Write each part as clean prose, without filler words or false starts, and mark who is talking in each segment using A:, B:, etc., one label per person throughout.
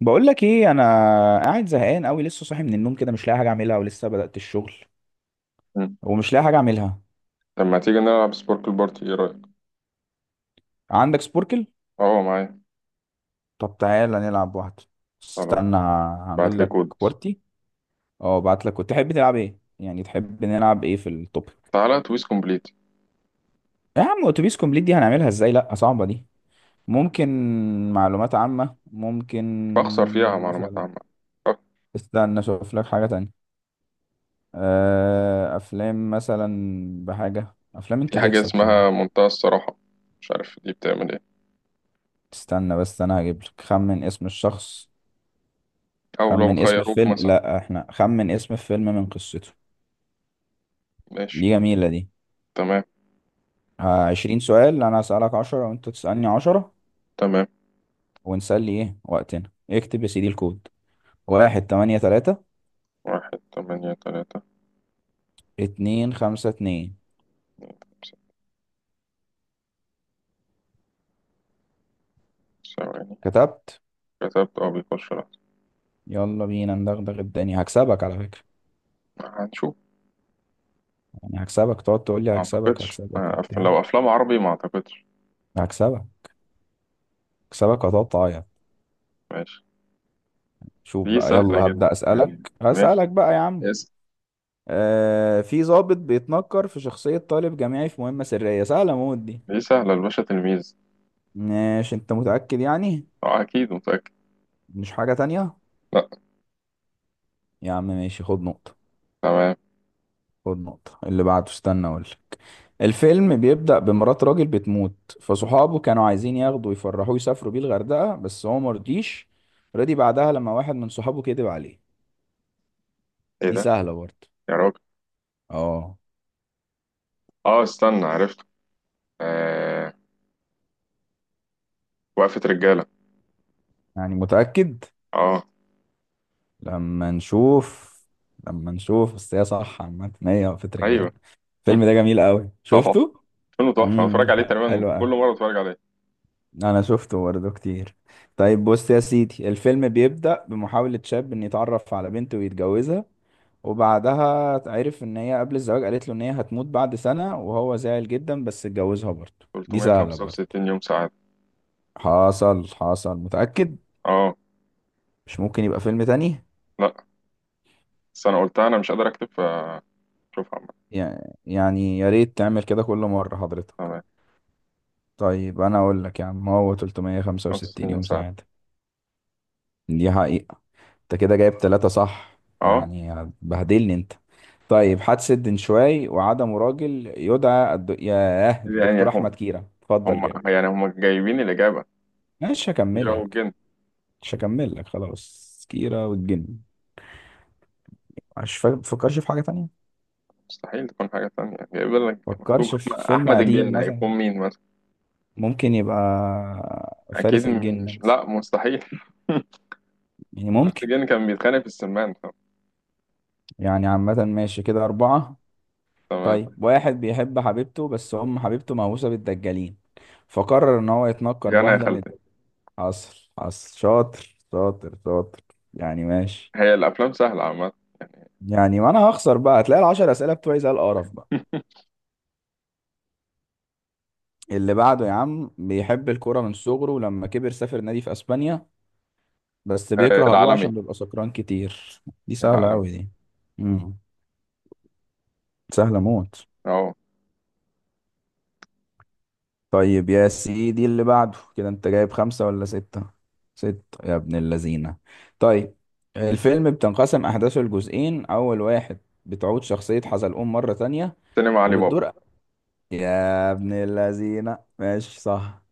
A: بقول لك ايه؟ انا قاعد زهقان قوي، لسه صاحي من النوم كده مش لاقي حاجه اعملها، ولسه بدأت الشغل.
B: مم.
A: ومش لاقي حاجه اعملها.
B: طب ما تيجي نلعب سبورك البارتي ايه رأيك؟
A: عندك سبوركل؟
B: اه معايا.
A: طب تعالى نلعب واحده.
B: خلاص.
A: استنى
B: بعت
A: هعمل
B: لي
A: لك
B: كود.
A: كوارتي. اه ابعت لك. وتحب تلعب ايه؟ يعني تحب نلعب ايه في التوبيك؟
B: تعالى تويس كومبليت.
A: يا عم اتوبيس كومبليت دي هنعملها ازاي؟ لا صعبه دي. ممكن معلومات عامه،
B: بخسر فيها
A: ممكن.
B: معلومات
A: مثلا
B: عامة. أه،
A: استنى اشوف لك حاجه تانية. افلام مثلا. بحاجه افلام
B: في
A: انت
B: حاجة
A: تكسب طبعا.
B: اسمها منتهى الصراحة، مش عارف دي بتعمل ايه.
A: استنى بس، انا هجيب لك خمن اسم الشخص،
B: أو لو
A: خمن اسم
B: خيروك
A: الفيلم.
B: مثلا.
A: لا احنا خمن اسم الفيلم من قصته. دي
B: ماشي.
A: جميلة دي.
B: تمام.
A: ها، 20 سؤال، انا هسألك 10 وانت تسألني 10،
B: تمام.
A: ونسلي ايه وقتنا. اكتب يا سيدي الكود. 1, 8, 3,
B: واحد تمانية تلاتة.
A: 2, 5, 2.
B: ثواني.
A: كتبت.
B: كتبت، اه بيخش. لا
A: يلا بينا ندغدغ الدنيا، هكسبك على فكرة.
B: هنشوف.
A: يعني هكسبك، تقعد تقول لي
B: ما
A: هكسبك
B: اعتقدش،
A: هكسبك وبتاع.
B: لو أفلام عربي ما اعتقدش.
A: هكسبك، هكسبك وهتقعد تعيط.
B: ماشي.
A: شوف
B: دي
A: بقى،
B: سهلة
A: يلا
B: جدا
A: هبدأ
B: يعني.
A: أسألك،
B: ماشي.
A: هسألك بقى يا عم.
B: يس.
A: آه، في ضابط بيتنكر في شخصية طالب جامعي في مهمة سرية، سهلة موت دي.
B: دي سهلة، الباشا تلميذ.
A: ماشي، انت متأكد يعني؟
B: أكيد متأكد.
A: مش حاجة تانية؟
B: لا.
A: يا عم ماشي، خد نقطة.
B: تمام.
A: خد نقطة. اللي بعده، استنى اقولك. الفيلم بيبدأ بمرات راجل بتموت، فصحابه كانوا عايزين ياخدوا يفرحوه، يسافروا بيه الغردقة بس هو مرضيش. رضي بعدها لما واحد من صحابه كذب عليه.
B: ايه
A: دي
B: ده؟
A: سهلة برضه.
B: يا راجل.
A: اه.
B: اه استنى عرفت. آه، وقفة رجالة.
A: يعني متأكد؟
B: اه.
A: لما نشوف لما نشوف بس هي صح. عامة هي وقفة
B: ايوه.
A: رجالة. الفيلم ده جميل قوي،
B: طبعا.
A: شفته.
B: فيلم تحفة، انا بتفرج
A: امم،
B: عليه تقريبا
A: حلو
B: كل
A: قوي.
B: مرة بتفرج عليه.
A: انا شفته برضه كتير. طيب بص يا سيدي، الفيلم بيبدأ بمحاولة شاب ان يتعرف على بنت ويتجوزها، وبعدها عرف ان هي قبل الزواج قالت له ان هي هتموت بعد سنة، وهو زعل جدا بس اتجوزها برضه. دي سهلة برضه.
B: 365 يوم سعادة.
A: حصل حصل، متأكد؟
B: اه.
A: مش ممكن يبقى فيلم تاني؟
B: لا بس انا قلتها، انا مش قادر اكتب فشوفها عامة.
A: يع- يعني يا ريت تعمل كده كل مرة حضرتك.
B: تمام.
A: طيب انا اقول لك يا عم، هو
B: 65
A: 365
B: يوم
A: يوم
B: سعادة.
A: سعادة. دي حقيقة. انت كده جايب 3 صح
B: اه.
A: يعني. بهدلني انت. طيب، حادثة دنشواي وعدم راجل يدعى ياه،
B: يعني
A: الدكتور
B: هم،
A: أحمد كيرة، اتفضل
B: هم
A: جاوب.
B: يعني هم جايبين الإجابة.
A: مش
B: كيرة
A: هكمل لك.
B: والجن.
A: مش هكمل لك خلاص، كيرة والجن. مش فاكر، تفكرش في حاجة تانية؟
B: مستحيل تكون حاجة تانية، جايب لك مكتوب
A: فكرش
B: أحمد،
A: في فيلم قديم
B: الجن
A: مثلا،
B: هيكون مين مثلا؟
A: ممكن يبقى
B: أكيد
A: فارس الجن مثلا،
B: مش، لا مستحيل.
A: يعني
B: أحمد
A: ممكن.
B: الجن كان بيتخانق في السمان.
A: يعني عامة ماشي، كده 4.
B: تمام.
A: طيب، واحد بيحب حبيبته بس أم حبيبته مهووسة بالدجالين، فقرر إن هو يتنكر
B: يعني يا
A: بواحدة من.
B: خالتي.
A: حصل حصل، شاطر شاطر شاطر. يعني ماشي.
B: هي الافلام سهله عامه.
A: يعني ما انا هخسر بقى، هتلاقي ال10 اسئله بتوعي زي القرف بقى. اللي بعده يا عم، بيحب الكوره من صغره ولما كبر سافر نادي في اسبانيا، بس
B: آه،
A: بيكره ابوه
B: العالمي.
A: عشان بيبقى سكران كتير. دي سهله
B: العالمي.
A: قوي دي. امم. سهله موت.
B: اهو.
A: طيب يا سيدي، اللي بعده. كده انت جايب 5 ولا 6؟ 6 يا ابن اللذينه. طيب، الفيلم بتنقسم احداثه لجزئين. اول واحد بتعود شخصيه حزلقوم مره تانية،
B: سينما علي بابا.
A: وبتدور. يا ابن اللذينة ماشي صح.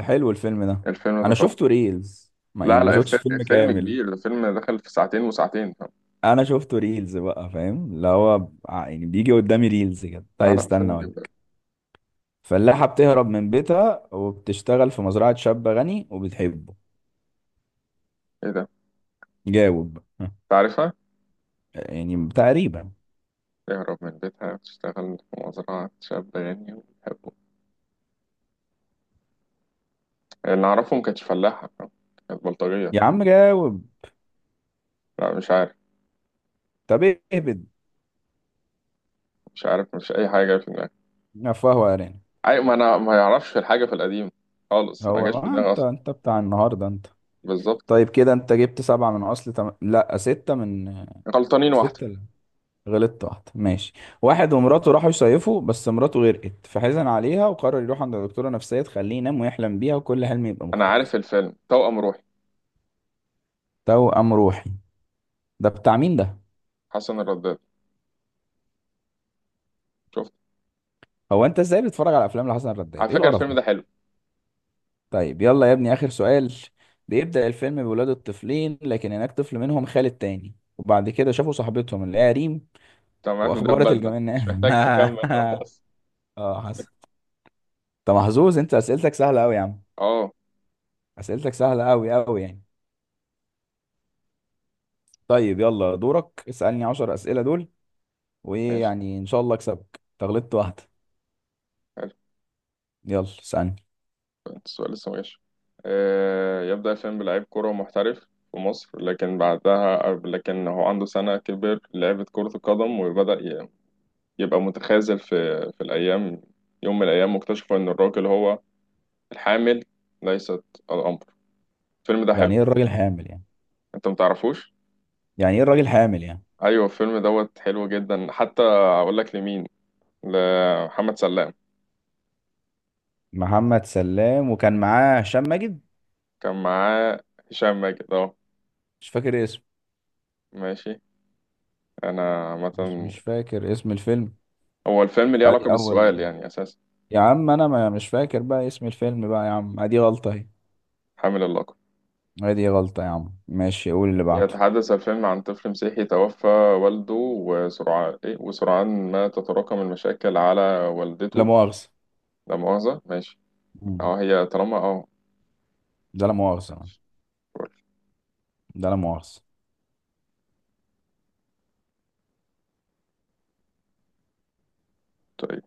A: حلو الفيلم ده.
B: الفيلم ده
A: انا
B: طبعا.
A: شفته ريلز، ما يعني
B: لا
A: ما
B: لا
A: شفتش
B: الفيلم,
A: فيلم
B: الفيلم
A: كامل.
B: كبير، الفيلم دخل في ساعتين وساعتين.
A: انا شفته ريلز بقى، فاهم اللي هو، يعني بيجي قدامي ريلز كده.
B: لا
A: طيب
B: لا
A: استنى
B: فيلم جدا.
A: اقولك. فلاحة بتهرب من بيتها وبتشتغل في مزرعة شاب غني وبتحبه.
B: ايه ده؟
A: جاوب ها.
B: تعرفها؟
A: يعني تقريبا.
B: تهرب من بيتها، تشتغل في مزرعة شاب غني وبيحبه. اللي أعرفه ما كانتش فلاحة، كانت بلطجية.
A: يا عم جاوب.
B: لا مش عارف.
A: طب اهبد.
B: مش عارف، مش أي حاجة في دماغي.
A: فهو ارانب.
B: أي، ما أنا ما يعرفش الحاجة في القديم خالص، ما
A: هو
B: جاش في
A: ما
B: دماغي
A: انت
B: أصلا.
A: انت بتاع النهارده انت.
B: بالظبط.
A: طيب كده انت جبت 7 من اصل لا، ستة من
B: غلطانين واحدة.
A: ستة غلطت واحدة ماشي. واحد ومراته راحوا يصيفوا بس مراته غرقت، فحزن عليها وقرر يروح عند دكتورة نفسية تخليه ينام ويحلم بيها، وكل حلم يبقى
B: أنا عارف
A: مختلف.
B: الفيلم، توأم روحي.
A: توأم روحي ده، بتاع مين ده؟
B: حسن الرداد. شفته.
A: هو انت ازاي بتتفرج على افلام لحسن
B: على
A: الرداد؟ ايه
B: فكرة
A: القرف
B: الفيلم
A: ده؟
B: ده حلو.
A: طيب يلا يا ابني، اخر سؤال. بيبدأ الفيلم بولاد الطفلين، لكن هناك طفل منهم خالد تاني، وبعد كده شافوا صاحبتهم اللي هي ريم،
B: تمام، ده
A: واخبرت
B: بدلة
A: الجميع
B: مش محتاج
A: انها
B: تكمل خلاص.
A: اه، حسن. انت محظوظ انت، اسئلتك سهلة قوي يا عم.
B: اه.
A: اسئلتك سهلة قوي قوي يعني. طيب يلا دورك، اسألني 10 أسئلة دول. وإيه
B: ماشي.
A: يعني، إن شاء الله أكسبك، تغلطت واحدة.
B: حلو.
A: يلا اسألني.
B: السؤال لسه ماشي. آه، يبدأ الفيلم بلعيب كرة محترف في مصر، لكن بعدها لكن هو عنده سنة كبر لعبة كرة القدم، يبقى متخاذل في في الأيام. يوم من الأيام واكتشفوا إن الراجل هو الحامل، ليست الأمر. الفيلم ده حلو.
A: يعني إيه الراجل حامل يعني؟
B: أنت متعرفوش؟
A: يعني إيه الراجل حامل يعني؟
B: أيوه الفيلم دوت حلو جدا، حتى أقول لك لمين. لمحمد سلام.
A: محمد سلام، وكان معاه هشام ماجد.
B: كان معاه هشام ماجد، اه.
A: مش فاكر اسمه.
B: ماشي. انا
A: مش
B: عامة.
A: مش فاكر اسم الفيلم.
B: هو الفيلم ليه
A: ادي
B: علاقة
A: اول.
B: بالسؤال يعني اساسا؟
A: يا عم انا ما مش فاكر بقى اسم الفيلم بقى يا عم، ادي غلطة اهي.
B: حامل اللقب.
A: ادي غلطة يا عم ماشي، قول اللي بعده.
B: يتحدث الفيلم عن طفل مسيحي توفى والده، وسرعان إيه؟ وسرعان ما تتراكم المشاكل على
A: لا
B: والدته.
A: مؤاخذة.
B: لا مؤاخذة. ماشي.
A: مم.
B: اه، هي طالما اه.
A: ده لا مؤاخذة. ده لا مؤاخذة.
B: قلت إيه؟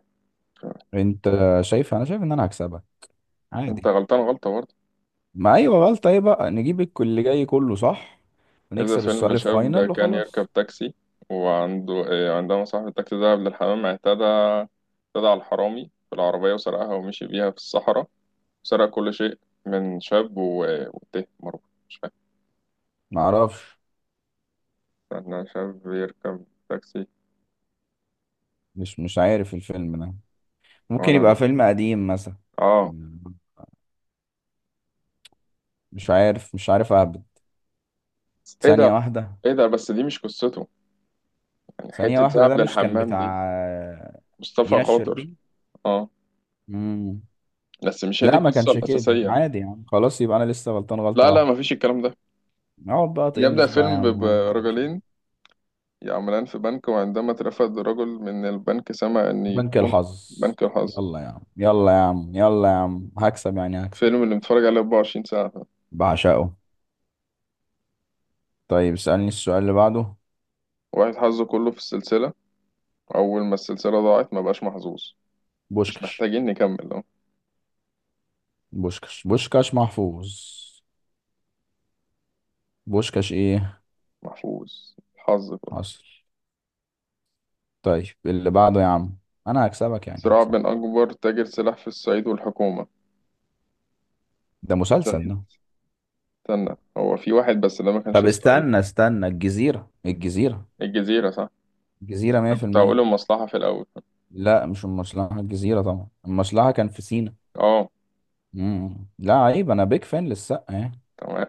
A: انت شايف، انا شايف ان انا هكسبك.
B: انت
A: عادي.
B: غلطان غلطة برضه.
A: ما ايوه غلطة، ايه بقى؟ نجيب الكل اللي جاي كله صح،
B: يبدأ
A: ونكسب
B: الفيلم
A: السؤال
B: بشاب
A: الفاينل
B: كان يركب
A: وخلاص.
B: تاكسي، وعنده إيه، عندما صاحب التاكسي ذهب للحمام، اعتدى على الحرامي في العربية وسرقها ومشي بيها في الصحراء. سرق كل شيء من شاب و... وتيه مروه. مش فاهم.
A: ما اعرفش.
B: انا شاب بيركب تاكسي.
A: مش عارف الفيلم ده. ممكن يبقى
B: ولا.
A: فيلم قديم مثلا.
B: اه.
A: مم. مش عارف، مش عارف، اهبط.
B: ايه ده؟
A: ثانية واحدة.
B: ايه ده؟ بس دي مش قصته، يعني
A: ثانية
B: حتة
A: واحدة،
B: ذهب
A: ده مش كان
B: للحمام دي.
A: بتاع
B: مصطفى
A: دينا
B: خاطر.
A: الشربيني؟
B: اه.
A: مم.
B: بس مش هي دي
A: لا ما
B: القصة
A: كانش كده،
B: الأساسية.
A: عادي يعني خلاص، يبقى انا لسه غلطان غلطة
B: لا لا
A: واحدة.
B: مفيش الكلام ده.
A: اقعد بقى تقمص بقى يا عم، اقعد بقى مش عارف.
B: برجلين يعملان في بنك، وعندما اترفد رجل من البنك سمع أن
A: بنك
B: يكون
A: الحظ.
B: بنك الحظ.
A: يلا يا عم، يلا يا عم، يلا يا عم، هكسب يعني هكسب.
B: فيلم اللي متفرج عليه 24 ساعة.
A: بعشقه. طيب اسألني السؤال اللي بعده.
B: واحد حظه كله في السلسلة، أول ما السلسلة ضاعت ما بقاش محظوظ. مش
A: بوشكش.
B: محتاجين نكمل، اه.
A: بوشكش محفوظ. بوشكش ايه؟
B: محفوظ الحظ كله.
A: حصل. طيب اللي بعده يا عم، انا هكسبك يعني
B: صراع
A: هكسبك.
B: بين أكبر تاجر سلاح في الصعيد والحكومة.
A: ده مسلسل ده.
B: الصعيد. استنى، هو في واحد بس ده ما كانش
A: طب
B: الصعيد.
A: استنى استنى، الجزيرة، الجزيرة.
B: الجزيرة صح؟
A: الجزيرة
B: أنا كنت هقول
A: 100%.
B: المصلحة في الأول.
A: لا مش المصلحة، الجزيرة طبعا. المصلحة كان في سينا.
B: اه.
A: مم. لا عيب، انا بيك فان للسقا يعني.
B: تمام.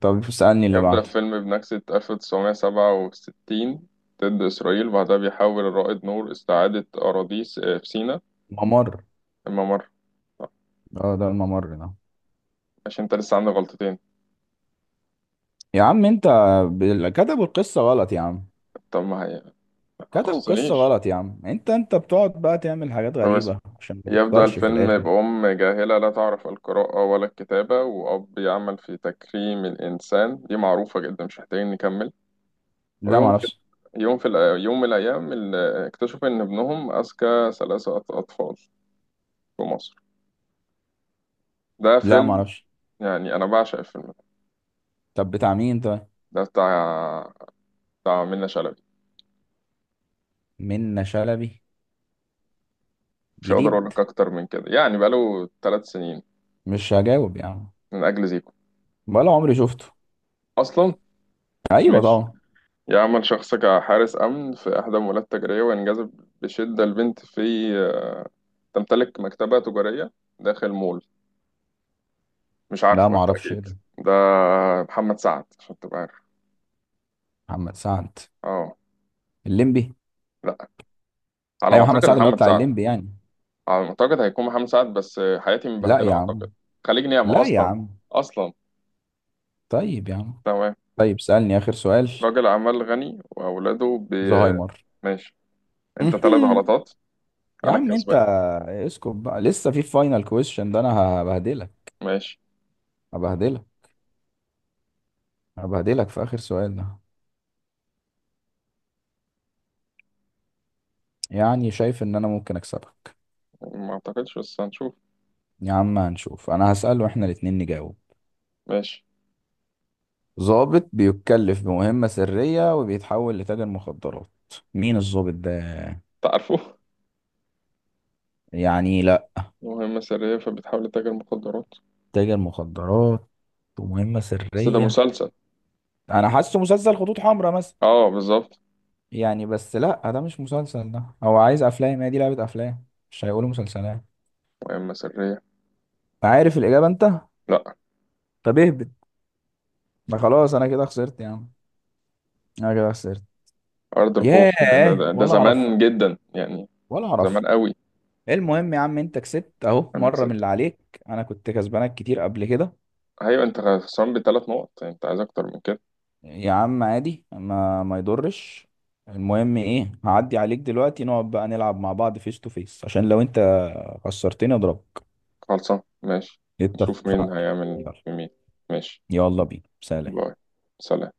A: طب اسألني اللي
B: يبدأ
A: بعده.
B: الفيلم بنكسة 1967 ضد إسرائيل، بعدها بيحاول الرائد نور استعادة في سيناء.
A: ممر.
B: الممر. طب،
A: اه ده الممر ده.
B: عشان أنت لسه عندك غلطتين.
A: يا عم انت، كتبوا القصة غلط يا عم.
B: طب ما هي. ما
A: كتبوا قصة
B: خصنيش.
A: غلط يا عم، انت بتقعد بقى تعمل حاجات
B: طب اسم.
A: غريبة عشان ما
B: يبدأ
A: تخسرش في
B: الفيلم
A: الاخر.
B: بأم جاهلة لا تعرف القراءة ولا الكتابة، وأب يعمل في تكريم الإنسان. دي معروفة جدا مش محتاجين نكمل.
A: لا
B: ويوم في،
A: معرفش.
B: يوم من الأيام اكتشفوا إن ابنهم أذكى أطفال في مصر. ده
A: لا
B: فيلم،
A: معرفش.
B: يعني أنا بعشق الفيلم ده.
A: طب بتاع مين طيب؟
B: ده بتاع، بتاع منة شلبي.
A: منة شلبي؟
B: مش هقدر
A: جديد.
B: أقول لك أكتر من كده، يعني بقاله ثلاث سنين.
A: مش هجاوب يا عم.
B: من أجل زيكو
A: ولا عمري شفته.
B: أصلا.
A: ايوه
B: ماشي.
A: طبعا.
B: يعمل شخص كحارس أمن في إحدى المولات التجارية، وينجذب بشدة لبنت في تمتلك مكتبة تجارية داخل مول. مش عارفه
A: لا معرفش ايه
B: بالتأكيد.
A: ده.
B: ده محمد سعد عشان تبقى عارف.
A: محمد سعد؟
B: اه.
A: الليمبي؟
B: لا، على ما
A: ايوه محمد
B: أعتقد
A: سعد اللي هو
B: محمد
A: بتاع
B: سعد.
A: الليمبي يعني.
B: على ما أعتقد هيكون محمد سعد، بس حياتي
A: لا
B: مبهدلة
A: يا عم.
B: أعتقد. خليج نعمة
A: لا يا
B: أصلا.
A: عم.
B: أصلا.
A: طيب يا عم.
B: تمام.
A: طيب سألني اخر سؤال.
B: راجل أعمال غني وأولاده بي...
A: زهايمر.
B: ماشي. أنت ثلاث غلطات.
A: يا
B: أنا
A: عم انت.
B: الكسبان.
A: اسكت بقى، لسه في فاينل كويشن ده انا. هبهدلك.
B: ماشي.
A: هبهدلك. هبهدلك في آخر سؤال ده. يعني شايف إن أنا ممكن أكسبك.
B: ما أعتقدش بس هنشوف.
A: يا عم هنشوف، أنا هسأله وإحنا ال2 نجاوب.
B: ماشي.
A: ضابط بيتكلف بمهمة سرية وبيتحول لتاجر مخدرات، مين الضابط ده؟
B: تعرفه.
A: يعني لأ.
B: مهمة سرية فبتحاول تتاجر مخدرات.
A: تاجر مخدرات، ومهمة
B: بس ده
A: سرية.
B: مسلسل.
A: أنا حاسه مسلسل خطوط حمراء مثلا.
B: اه بالظبط.
A: يعني بس لأ، ده مش مسلسل، ده هو عايز أفلام، هي دي لعبة أفلام، مش هيقولوا مسلسلات.
B: مهمة سرية.
A: عارف الإجابة أنت؟
B: لا.
A: طب اهبط. ما خلاص أنا كده خسرت يا عم. أنا كده خسرت.
B: أرض الخوف، ده,
A: ياه،
B: ده, ده
A: ولا أعرف،
B: زمان جدا يعني.
A: ولا أعرف.
B: زمان قوي.
A: المهم يا عم انت كسبت اهو،
B: أنا
A: مرة من
B: كسبت.
A: اللي عليك. انا كنت كسبانك كتير قبل كده.
B: أيوة أنت خسران بثلاث نقط، يعني أنت عايز أكتر من كده.
A: يا عم عادي، ما يضرش. المهم ايه، هعدي عليك دلوقتي نقعد بقى نلعب مع بعض فيس تو فيس، عشان لو انت خسرتني اضربك.
B: خلصان، ماشي. نشوف مين
A: اتفقنا.
B: هيعمل
A: يلا.
B: بمين. ماشي.
A: يلا بينا، سلام.
B: باي. سلام.